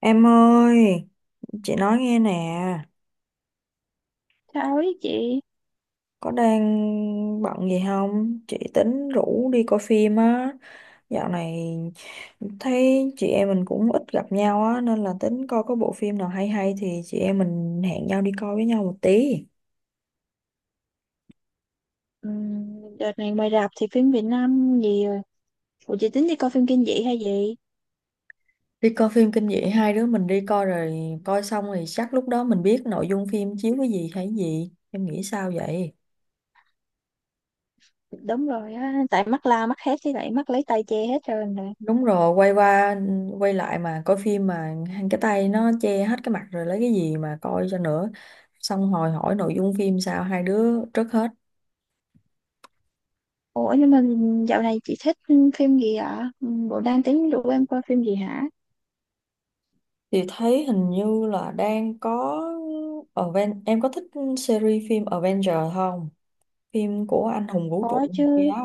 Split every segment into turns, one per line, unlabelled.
Em ơi, chị nói nghe nè,
Chào ấy chị.
có đang bận gì không? Chị tính rủ đi coi phim á. Dạo này thấy chị em mình cũng ít gặp nhau á, nên là tính coi có bộ phim nào hay hay thì chị em mình hẹn nhau đi coi với nhau một tí.
Đợt này ngoài rạp thì phim Việt Nam gì rồi? Ủa chị tính đi coi phim kinh dị hay gì?
Đi coi phim kinh dị hai đứa mình đi coi rồi coi xong thì chắc lúc đó mình biết nội dung phim chiếu cái gì hay gì. Em nghĩ sao vậy?
Đúng rồi á. Tại mắt la mắt hết thì lại mắt lấy tay che hết rồi nè.
Đúng rồi, quay qua quay lại mà coi phim mà cái tay nó che hết cái mặt rồi lấy cái gì mà coi cho nữa. Xong hồi hỏi nội dung phim sao hai đứa trước hết
Ủa nhưng mà dạo này chị thích phim gì ạ? Bộ đang tính rủ em coi phim gì hả?
thì thấy hình như là đang có Aven em có thích series phim Avenger không? Phim của anh hùng vũ trụ
Có
kia
chứ.
á,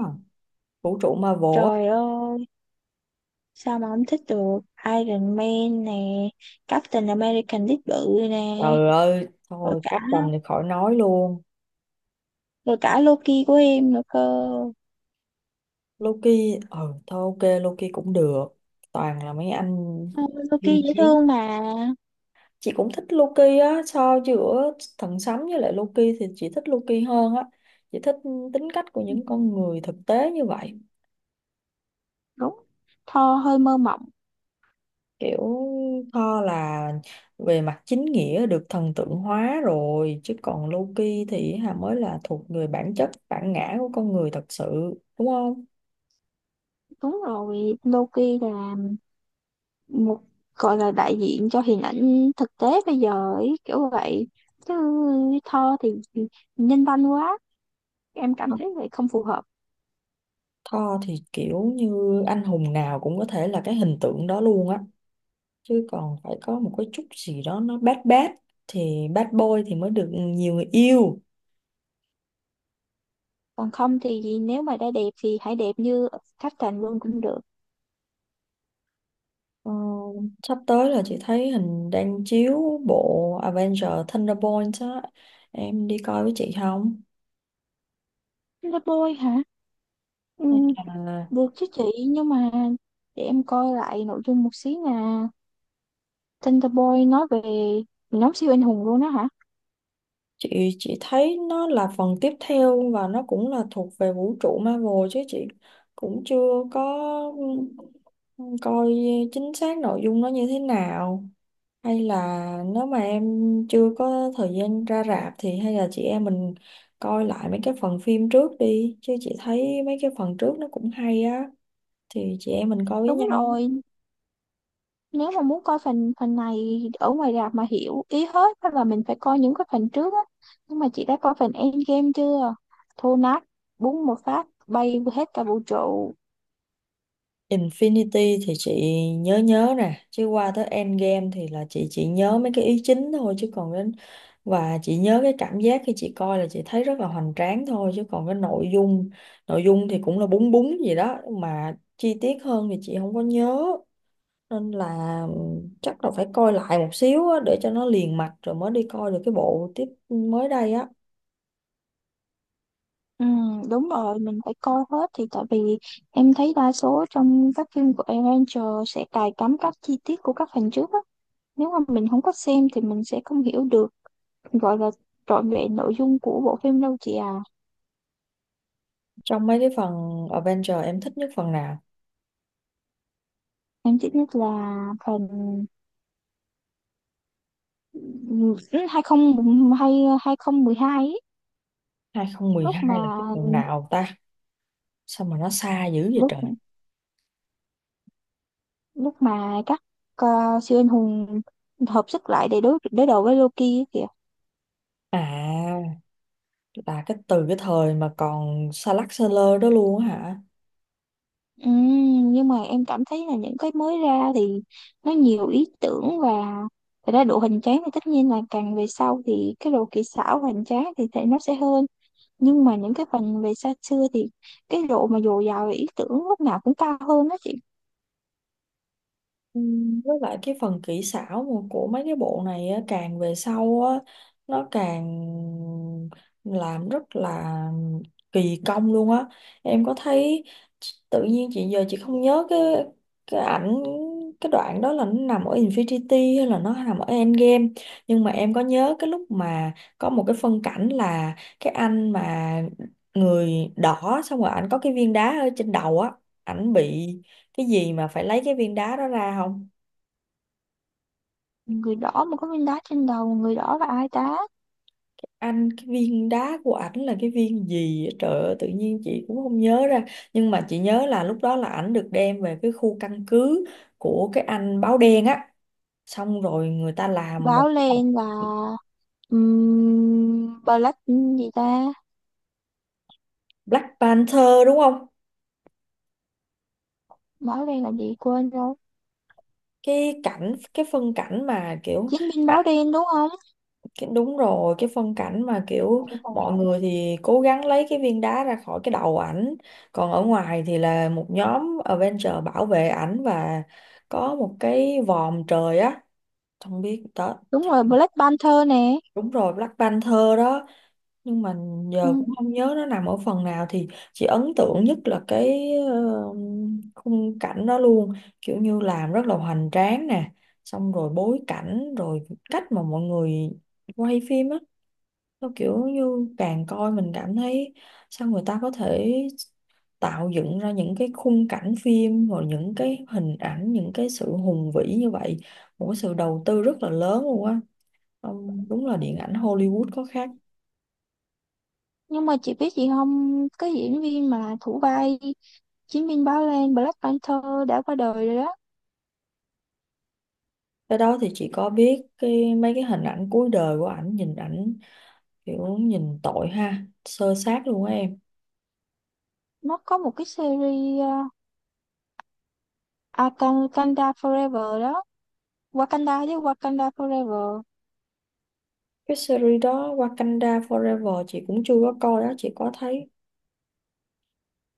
vũ trụ Marvel
Trời
á.
ơi, sao mà không thích được? Iron Man nè, Captain American đít bự nè.
Trời ơi,
Rồi
thôi
cả
Captain thì khỏi nói luôn.
Rồi cả Loki của em nữa cơ.
Loki, ừ thôi ok Loki cũng được. Toàn là mấy anh
Ờ,
siêu
Loki dễ
chiến,
thương mà.
chị cũng thích Loki á, so giữa thần sấm với lại Loki thì chị thích Loki hơn á. Chị thích tính cách của những con người thực tế như vậy.
Đúng, Thor hơi mơ mộng.
Kiểu Thor là về mặt chính nghĩa được thần tượng hóa rồi chứ còn Loki thì hà mới là thuộc người bản chất bản ngã của con người thật sự, đúng không?
Đúng rồi, Loki là một, gọi là đại diện cho hình ảnh thực tế bây giờ ấy, kiểu vậy. Chứ Thor thì nhân văn quá, em cảm thấy vậy không phù hợp.
Thor thì kiểu như anh hùng nào cũng có thể là cái hình tượng đó luôn á, chứ còn phải có một cái chút gì đó nó bad bad thì bad boy thì mới được nhiều người yêu.
Còn không thì nếu mà đã đẹp thì hãy đẹp như Captain luôn cũng được.
Ờ, sắp tới là chị thấy hình đang chiếu bộ Avenger Thunderbolts á, em đi coi với chị không?
Là bôi hả? Ừ,
Hay là
được chứ chị, nhưng mà để em coi lại nội dung một xí. Là Thunderbolt nói về nhóm siêu anh hùng luôn đó hả?
chị thấy nó là phần tiếp theo và nó cũng là thuộc về vũ trụ Marvel chứ chị cũng chưa có, ừ, coi chính xác nội dung nó như thế nào. Hay là nếu mà em chưa có thời gian ra rạp thì hay là chị em mình coi lại mấy cái phần phim trước đi chứ chị thấy mấy cái phần trước nó cũng hay á, thì chị em mình coi với
Đúng
nhau.
rồi, nếu mà muốn coi phần phần này ở ngoài rạp mà hiểu ý hết hay là mình phải coi những cái phần trước á. Nhưng mà chị đã coi phần Endgame chưa? Thô nát, búng một phát bay hết cả vũ trụ.
Infinity thì chị nhớ nhớ nè chứ qua tới Endgame thì là chị chỉ nhớ mấy cái ý chính thôi chứ còn đến, và chị nhớ cái cảm giác khi chị coi là chị thấy rất là hoành tráng thôi chứ còn cái nội dung thì cũng là búng búng gì đó mà chi tiết hơn thì chị không có nhớ, nên là chắc là phải coi lại một xíu á, để cho nó liền mạch rồi mới đi coi được cái bộ tiếp mới đây á.
Ừ, đúng rồi, mình phải coi hết. Thì tại vì em thấy đa số trong các phim của Avenger sẽ cài cắm các chi tiết của các phần trước á, nếu mà mình không có xem thì mình sẽ không hiểu được, gọi là trọn vẹn nội dung của bộ phim đâu chị à.
Trong mấy cái phần Avenger em thích nhất phần nào?
Em chỉ biết là phần hai không hai, hai không mười hai ấy, lúc mà
2012 là cái phần nào ta, sao mà nó xa dữ vậy
lúc
trời?
lúc mà các ờ, siêu anh hùng hợp sức lại để đối đối đầu với Loki ấy kìa.
À, là cái từ cái thời mà còn Sa lắc Sơ lơ đó luôn á hả?
Nhưng mà em cảm thấy là những cái mới ra thì nó nhiều ý tưởng, và thật ra độ hoành tráng thì tất nhiên là càng về sau thì cái độ kỹ xảo hoành tráng thì nó sẽ hơn. Nhưng mà những cái phần về xa xưa thì cái độ mà dồi dào về ý tưởng lúc nào cũng cao hơn đó chị.
Với lại cái phần kỹ xảo mà của mấy cái bộ này á, càng về sau á, nó càng làm rất là kỳ công luôn á. Em có thấy tự nhiên chị giờ chị không nhớ cái ảnh cái đoạn đó là nó nằm ở Infinity hay là nó nằm ở Endgame, nhưng mà em có nhớ cái lúc mà có một cái phân cảnh là cái anh mà người đỏ xong rồi ảnh có cái viên đá ở trên đầu á, ảnh bị cái gì mà phải lấy cái viên đá đó ra không?
Người đỏ mà có viên đá trên đầu, người đỏ là ai ta?
Anh cái viên đá của ảnh là cái viên gì á? Trời ơi tự nhiên chị cũng không nhớ ra, nhưng mà chị nhớ là lúc đó là ảnh được đem về cái khu căn cứ của cái anh báo đen á, xong rồi người ta làm một
Báo
cái tập.
lên là black gì ta?
Black Panther đúng không?
Báo đen là gì quên rồi.
Cái cảnh cái phân cảnh mà kiểu
Chiến binh báo
à,
đen đúng không?
cái đúng rồi, cái phân cảnh mà kiểu mọi người thì cố gắng lấy cái viên đá ra khỏi cái đầu ảnh, còn ở ngoài thì là một nhóm Avenger bảo vệ ảnh và có một cái vòm trời á, không biết đó.
Đúng rồi, Black Panther nè.
Đúng rồi Black Panther đó, nhưng mà
Ừ.
giờ cũng không nhớ nó nằm ở phần nào thì chị ấn tượng nhất là cái khung cảnh đó luôn, kiểu như làm rất là hoành tráng nè, xong rồi bối cảnh rồi cách mà mọi người quay phim á, nó kiểu như càng coi mình cảm thấy sao người ta có thể tạo dựng ra những cái khung cảnh phim rồi những cái hình ảnh những cái sự hùng vĩ như vậy, một cái sự đầu tư rất là lớn luôn á. Ông- đúng là điện ảnh Hollywood có khác.
Nhưng mà chị biết gì không, cái diễn viên mà thủ vai chiến binh báo đen, Black Panther, đã qua đời rồi đó.
Cái đó thì chị có biết, cái mấy cái hình ảnh cuối đời của ảnh nhìn ảnh kiểu nhìn tội ha sơ sát luôn á em.
Nó có một cái series Wakanda, Wakanda Forever đó. Wakanda với Wakanda Forever.
Cái series đó Wakanda Forever chị cũng chưa có coi đó chị có thấy.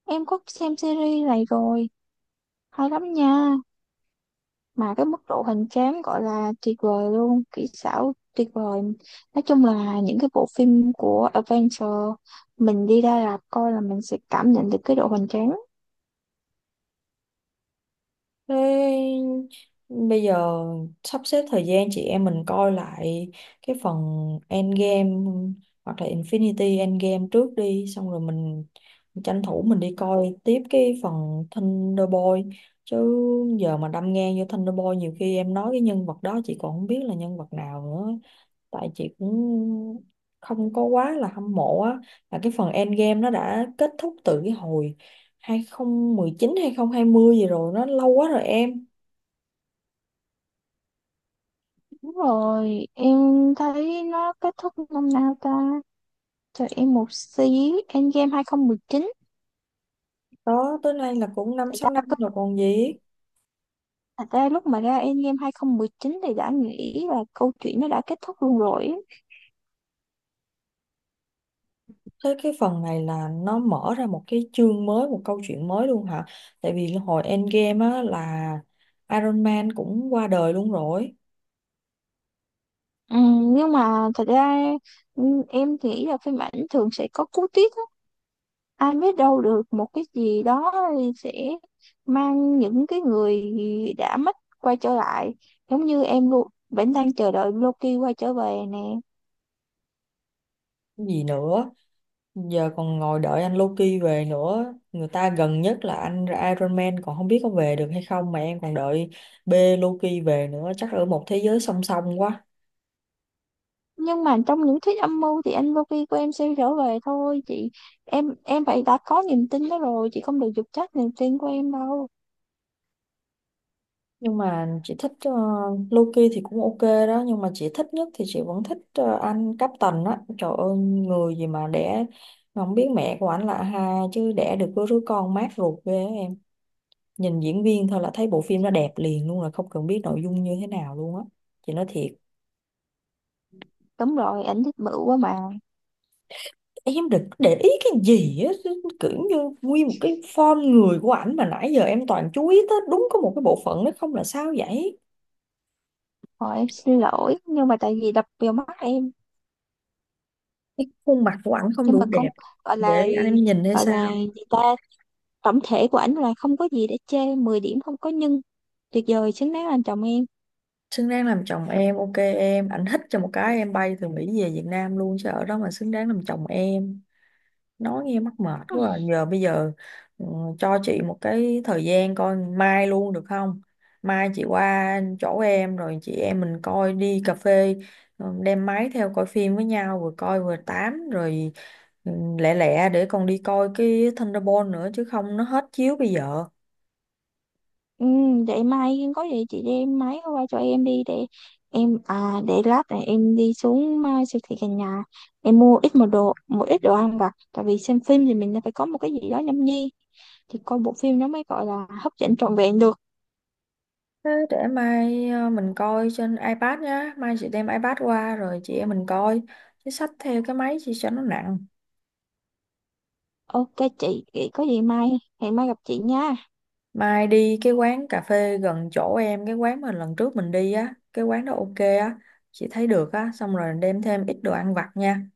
Em có xem series này rồi, hay lắm nha. Mà cái mức độ hoành tráng gọi là tuyệt vời luôn, kỹ xảo tuyệt vời. Nói chung là những cái bộ phim của Adventure mình đi ra rạp coi là mình sẽ cảm nhận được cái độ hoành tráng.
Thế bây giờ sắp xếp thời gian chị em mình coi lại cái phần Endgame hoặc là Infinity Endgame trước đi xong rồi mình tranh thủ mình đi coi tiếp cái phần Thunderbolt, chứ giờ mà đâm ngang vô Thunderbolt nhiều khi em nói cái nhân vật đó chị còn không biết là nhân vật nào nữa, tại chị cũng không có quá là hâm mộ á. Là cái phần Endgame nó đã kết thúc từ cái hồi 2019 2020 gì rồi, nó lâu quá rồi em.
Đúng rồi, em thấy nó kết thúc năm nào ta? Cho em một xí. Endgame 2019.
Đó tới nay là cũng năm
thật
sáu năm
ra,
rồi còn gì.
thật ra lúc mà ra Endgame 2019 thì đã nghĩ là câu chuyện nó đã kết thúc luôn rồi á.
Tới cái phần này là nó mở ra một cái chương mới, một câu chuyện mới luôn hả? Tại vì hồi Endgame á là Iron Man cũng qua đời luôn rồi.
Ừ, nhưng mà thật ra, ừ, em thì ý là phim ảnh thường sẽ có cú twist á. Ai biết đâu được một cái gì đó sẽ mang những cái người đã mất quay trở lại. Giống như em luôn vẫn đang chờ đợi Loki quay trở về nè.
Gì nữa, giờ còn ngồi đợi anh Loki về nữa, người ta gần nhất là anh Iron Man còn không biết có về được hay không mà em còn đợi B Loki về nữa, chắc ở một thế giới song song quá.
Nhưng mà trong những thuyết âm mưu thì anh Loki của em sẽ trở về thôi chị. Em phải đã có niềm tin đó rồi, chị không được dục trách niềm tin của em đâu.
Nhưng mà chị thích Loki thì cũng ok đó, nhưng mà chị thích nhất thì chị vẫn thích anh Captain á, trời ơi người gì mà đẻ không biết mẹ của anh là ai chứ đẻ được có đứa con mát ruột ghê á em. Nhìn diễn viên thôi là thấy bộ phim nó đẹp liền luôn là không cần biết nội dung như thế nào luôn á, chị nói thiệt.
Đúng rồi, ảnh thích bự quá mà.
Em đừng có để ý cái gì á, kiểu như nguyên một cái form người của ảnh mà nãy giờ em toàn chú ý tới đúng có một cái bộ phận nó không là sao vậy?
Thôi em xin lỗi, nhưng mà tại vì đập vào mắt em.
Cái khuôn mặt của ảnh không
Nhưng
đủ
mà cũng
đẹp
gọi là,
để anh em nhìn hay
gọi là
sao?
gì ta tổng thể của ảnh là không có gì để chê, 10 điểm không có nhưng, tuyệt vời, xứng đáng làm chồng em.
Xứng đáng làm chồng em ok em, ảnh thích cho một cái em bay từ Mỹ về Việt Nam luôn chứ ở đó mà xứng đáng làm chồng em, nói nghe mắc mệt quá à. Giờ bây giờ ừ, cho chị một cái thời gian coi mai luôn được không? Mai chị qua chỗ em rồi chị em mình coi, đi cà phê, đem máy theo coi phim với nhau vừa coi vừa tám rồi, ừ, lẹ lẹ để còn đi coi cái Thunderbolt nữa chứ không nó hết chiếu bây giờ.
Ừ, để mai có gì chị đem máy qua cho em đi. Để em à, để lát này em đi xuống à, siêu thị gần nhà, em mua ít một đồ một ít đồ ăn vặt, tại vì xem phim thì mình phải có một cái gì đó nhâm nhi thì coi bộ phim nó mới gọi là hấp dẫn trọn vẹn được.
Thế để mai mình coi trên iPad nhá. Mai chị đem iPad qua rồi chị em mình coi. Chứ xách theo cái máy chị cho nó nặng.
Ok chị, vậy có gì mai, hẹn mai gặp chị nha.
Mai đi cái quán cà phê gần chỗ em, cái quán mà lần trước mình đi á. Cái quán đó ok á. Chị thấy được á. Xong rồi đem thêm ít đồ ăn vặt nha.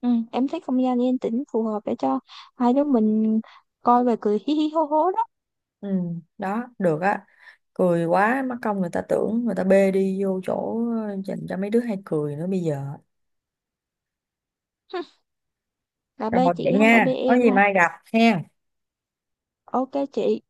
Ừ, em thấy không gian yên tĩnh phù hợp để cho hai đứa mình coi và cười hí hí hô hố đó.
Ừ, đó, được á. Cười quá, mắc công người ta tưởng người ta bê đi vô chỗ dành cho mấy đứa hay cười nữa bây giờ.
Là bê
Rồi, vậy
chị không phải
nha.
bê
Có
em
gì
ha.
mai gặp ha.
Ok chị.